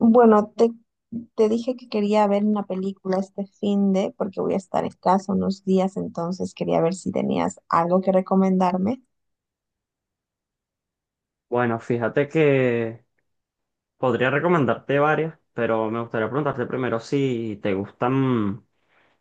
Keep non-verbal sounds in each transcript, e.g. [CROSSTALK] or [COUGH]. Bueno, te dije que quería ver una película este fin de, porque voy a estar en casa unos días, entonces quería ver si tenías algo que recomendarme. Bueno, fíjate que podría recomendarte varias, pero me gustaría preguntarte primero si te gustan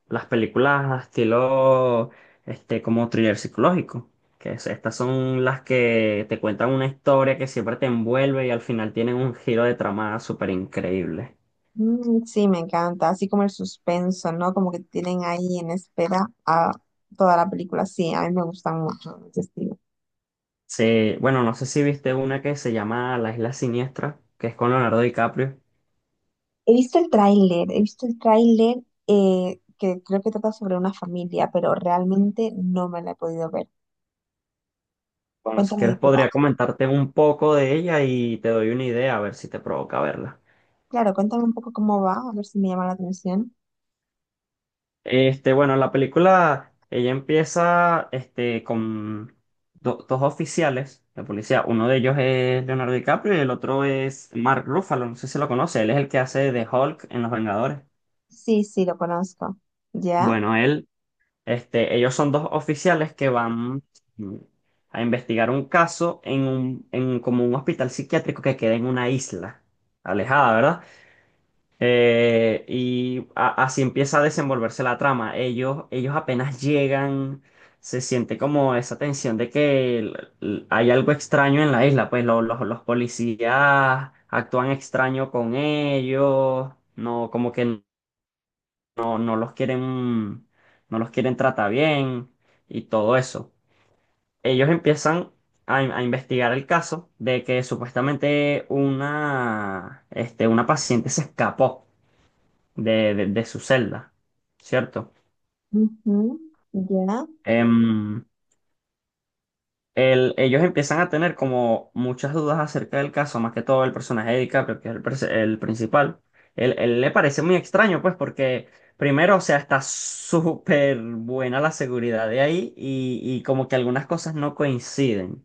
las películas estilo, como thriller psicológico, estas son las que te cuentan una historia que siempre te envuelve y al final tienen un giro de trama súper increíble. Sí, me encanta, así como el suspenso, ¿no? Como que tienen ahí en espera a toda la película. Sí, a mí me gustan mucho ese estilo. Sí, bueno, no sé si viste una que se llama La Isla Siniestra, que es con Leonardo DiCaprio. He visto el tráiler, he visto el tráiler que creo que trata sobre una familia, pero realmente no me la he podido ver. Bueno, si Cuéntame quieres de qué va. podría comentarte un poco de ella y te doy una idea a ver si te provoca verla. Claro, cuéntame un poco cómo va, a ver si me llama la atención. La película, ella empieza con dos oficiales de policía. Uno de ellos es Leonardo DiCaprio y el otro es Mark Ruffalo. No sé si lo conoce. Él es el que hace de Hulk en Los Vengadores. Sí, sí, lo conozco. Ya. Bueno, él, ellos son dos oficiales que van mm, a investigar un caso en como un hospital psiquiátrico que queda en una isla alejada, ¿verdad? Así empieza a desenvolverse la trama. Ellos apenas llegan, se siente como esa tensión de que hay algo extraño en la isla, pues los policías actúan extraño con ellos, no, como que no los quieren, no los quieren tratar bien y todo eso. Ellos empiezan a investigar el caso de que supuestamente una paciente se escapó de su celda, ¿cierto? Ujú. Ya. Em, ellos empiezan a tener como muchas dudas acerca del caso, más que todo el personaje de DiCaprio, que es el principal. Él le parece muy extraño, pues, porque primero, o sea, está súper buena la seguridad de ahí y como que algunas cosas no coinciden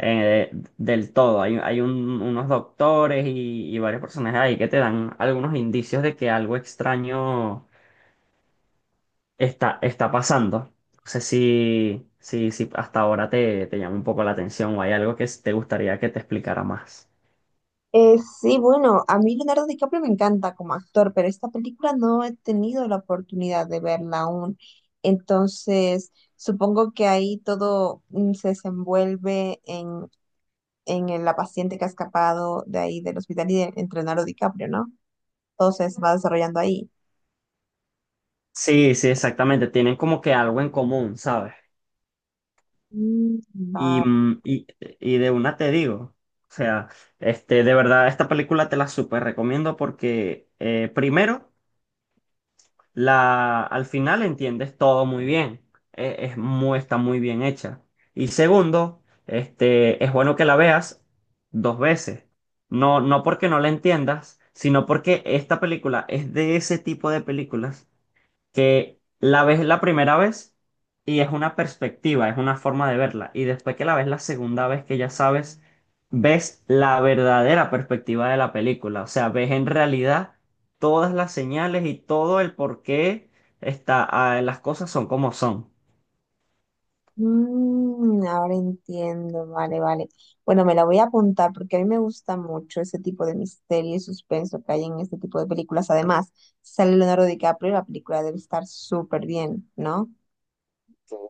eh, del todo. Hay unos doctores y varios personajes ahí que te dan algunos indicios de que algo extraño está pasando. No sé si hasta ahora te llama un poco la atención o hay algo que te gustaría que te explicara más. Sí, bueno, a mí Leonardo DiCaprio me encanta como actor, pero esta película no he tenido la oportunidad de verla aún. Entonces, supongo que ahí todo se desenvuelve en la paciente que ha escapado de ahí del hospital y de, entre Leonardo DiCaprio, ¿no? Todo se va desarrollando ahí. Sí, sí, exactamente. Tienen como que algo en común, ¿sabes? Mm. Y, Vale. mm, y, y de una te digo, o sea, de verdad, esta película te la súper recomiendo porque, primero, al final entiendes todo muy bien. Está muy bien hecha. Y segundo, es bueno que la veas dos veces. No, no porque no la entiendas, sino porque esta película es de ese tipo de películas que la ves la primera vez y es una perspectiva, es una forma de verla. Y después que la ves la segunda vez que ya sabes, ves la verdadera perspectiva de la película. O sea, ves en realidad todas las señales y todo el por qué está, ah, las cosas son como son. Mm, ahora entiendo, vale, vale. Bueno, me la voy a apuntar porque a mí me gusta mucho ese tipo de misterio y suspenso que hay en este tipo de películas. Además, sale Leonardo DiCaprio y la película debe estar súper bien, ¿no?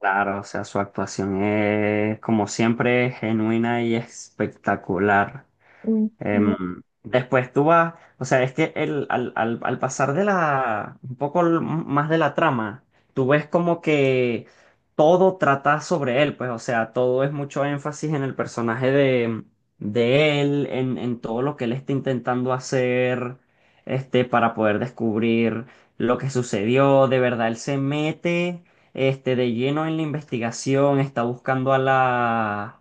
Claro, o sea, su actuación es como siempre genuina y espectacular. Ujú, Después tú vas, o sea, es que al pasar de un poco más de la trama, tú ves como que todo trata sobre él, pues, o sea, todo es mucho énfasis en el personaje de él, en todo lo que él está intentando hacer, para poder descubrir lo que sucedió, de verdad, él se mete, de lleno en la investigación, está buscando a la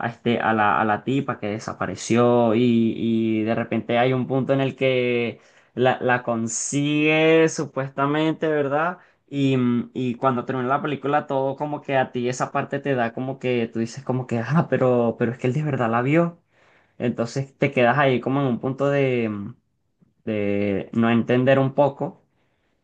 a, este, a la tipa que desapareció y de repente hay un punto en el que la consigue supuestamente, ¿verdad? Y cuando termina la película, todo como que a ti esa parte te da como que tú dices como que, ah, pero es que él de verdad la vio. Entonces te quedas ahí como en un punto de, de no entender un poco.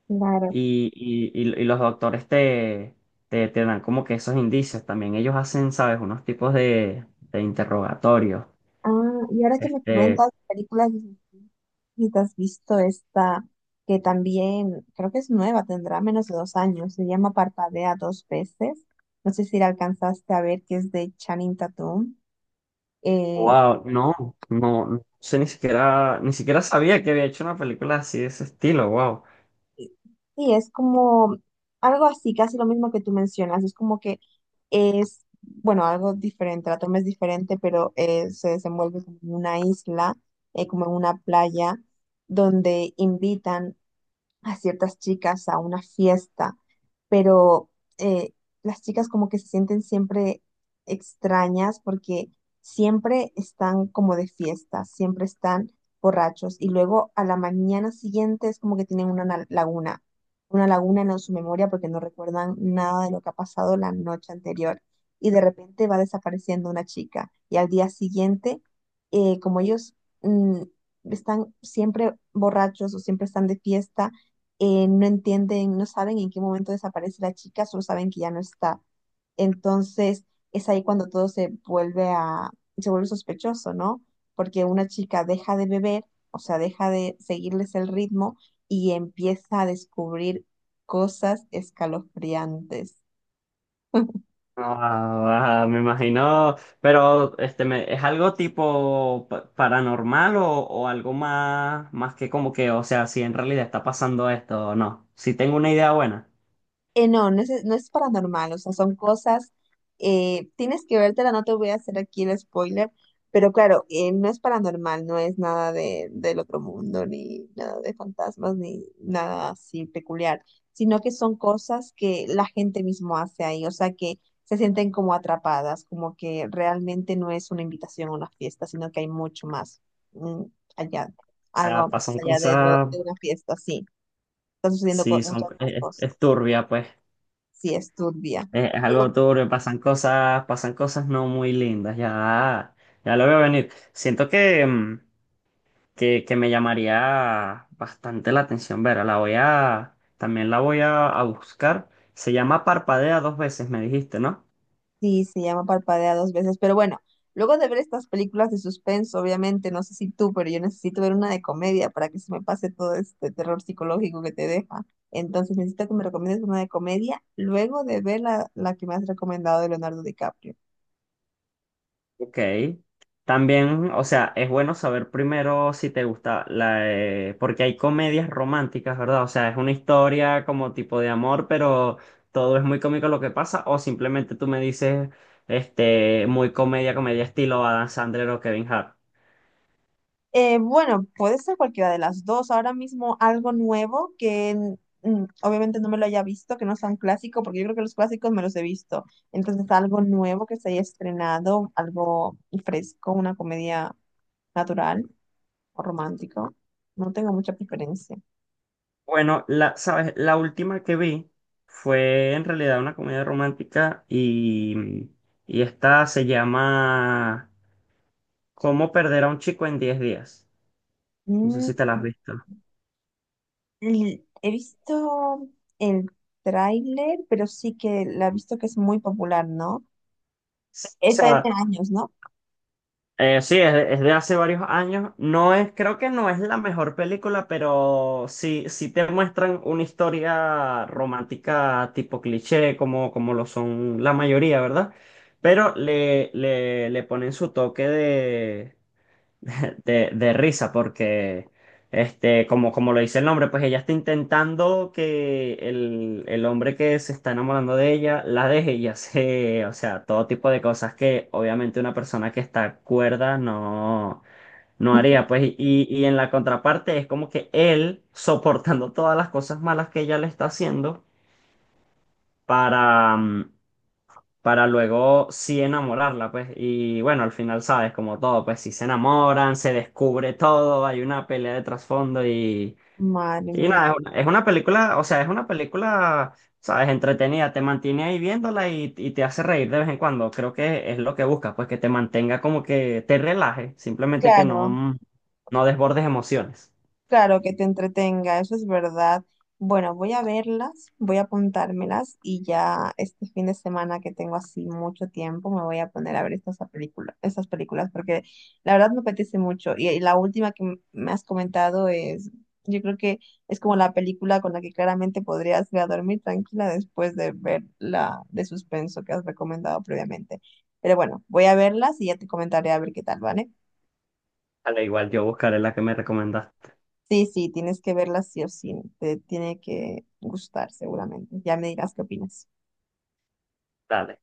claro. Y los doctores te dan como que esos indicios también. Ellos hacen, ¿sabes? Unos tipos de interrogatorios. Ah, y ahora que me Este, comentas películas, si te has visto esta que también creo que es nueva, tendrá menos de dos años, se llama Parpadea Dos Veces. No sé si la alcanzaste a ver, que es de Channing Tatum. Eh, wow, no sé ni siquiera, ni siquiera sabía que había hecho una película así de ese estilo, wow. Sí, es como algo así, casi lo mismo que tú mencionas. Es como que es, bueno, algo diferente, la toma es diferente, pero se desenvuelve como en una isla, como en una playa, donde invitan a ciertas chicas a una fiesta, pero eh, las chicas como que se sienten siempre extrañas porque siempre están como de fiesta, siempre están borrachos y luego a la mañana siguiente es como que tienen una laguna, una laguna en su memoria porque no recuerdan nada de lo que ha pasado la noche anterior y de repente va desapareciendo una chica y al día siguiente, como ellos mm, están siempre borrachos o siempre están de fiesta, no entienden, no saben en qué momento desaparece la chica, solo saben que ya no está. Entonces, es ahí cuando todo se vuelve a, se vuelve sospechoso, ¿no? Porque una chica deja de beber, o sea, deja de seguirles el ritmo y empieza a descubrir cosas escalofriantes. [LAUGHS] Ah, ah, me imagino, pero ¿es algo tipo paranormal o algo más, más que como que, o sea, si en realidad está pasando esto o no? Si tengo una idea buena, No es paranormal, o sea, son cosas, tienes que vértela, no te voy a hacer aquí el spoiler, pero claro, no es paranormal, no es nada de, del otro mundo, ni nada de fantasmas, ni nada así peculiar, sino que son cosas que la gente mismo hace ahí, o sea, que se sienten como atrapadas, como que realmente no es una invitación a una fiesta, sino que hay mucho más mm, allá, o sea, algo más pasan allá de, lo, cosas. de una fiesta, sí, están sucediendo Sí, son, muchas más cosas, es turbia, pues. sí, es turbia. Es algo turbio, pasan cosas no muy lindas, ya, ya lo veo venir. Siento que, que me llamaría bastante la atención, Vera, la voy a, también la voy a buscar. Se llama Parpadea dos veces, me dijiste, ¿no? Sí, se llama Parpadea Dos Veces, pero bueno, luego de ver estas películas de suspenso, obviamente, no sé si tú, pero yo necesito ver una de comedia para que se me pase todo este terror psicológico que te deja. Entonces necesito que me recomiendes una de comedia luego de ver la, la que me has recomendado de Leonardo DiCaprio. Ok. También, o sea, es bueno saber primero si te gusta la... porque hay comedias románticas, ¿verdad? O sea, es una historia como tipo de amor, pero todo es muy cómico lo que pasa. O simplemente tú me dices, muy comedia, comedia estilo Adam Sandler o Kevin Hart. Bueno, puede ser cualquiera de las dos. Ahora mismo algo nuevo que obviamente no me lo haya visto, que no sea un clásico, porque yo creo que los clásicos me los he visto. Entonces algo nuevo que se haya estrenado, algo fresco, una comedia natural o romántico. No tengo mucha preferencia. Bueno, la, ¿sabes? La última que vi fue en realidad una comedia romántica y esta se llama ¿Cómo perder a un chico en diez días? No sé Mm. si te la has visto. He visto el tráiler, pero sí que la he visto, que es muy popular, ¿no? Sí, o Esta ya sea, tiene años, ¿no? Sí, es de hace varios años. No es, creo que no es la mejor película, pero sí, sí te muestran una historia romántica tipo cliché, como, como lo son la mayoría, ¿verdad? Pero le ponen su toque de risa porque, como, como lo dice el nombre, pues ella está intentando que el hombre que se está enamorando de ella la deje y hace, o sea, todo tipo de cosas que obviamente una persona que está cuerda no, no [LAUGHS] haría. Pues, y en la contraparte es como que él soportando todas las cosas malas que ella le está haciendo para... mm, para luego sí enamorarla, pues. Y bueno, al final, sabes, como todo, pues si se enamoran, se descubre todo, hay una pelea de trasfondo Madre y mía. nada, es una película, o sea, es una película, sabes, entretenida, te mantiene ahí viéndola y te hace reír de vez en cuando. Creo que es lo que buscas, pues que te mantenga como que te relaje, simplemente que Claro. no, no desbordes emociones. Claro que te entretenga, eso es verdad. Bueno, voy a verlas, voy a apuntármelas y ya este fin de semana que tengo así mucho tiempo me voy a poner a ver estas películas, estas películas, porque la verdad me apetece mucho. Y la última que me has comentado es, yo creo que es como la película con la que claramente podrías ir a dormir tranquila después de ver la de suspenso que has recomendado previamente. Pero bueno, voy a verlas y ya te comentaré a ver qué tal, ¿vale? Al igual yo buscaré la que me recomendaste. Sí, sí, tienes que verla sí o sí. Te tiene que gustar seguramente. Ya me dirás qué opinas. Dale.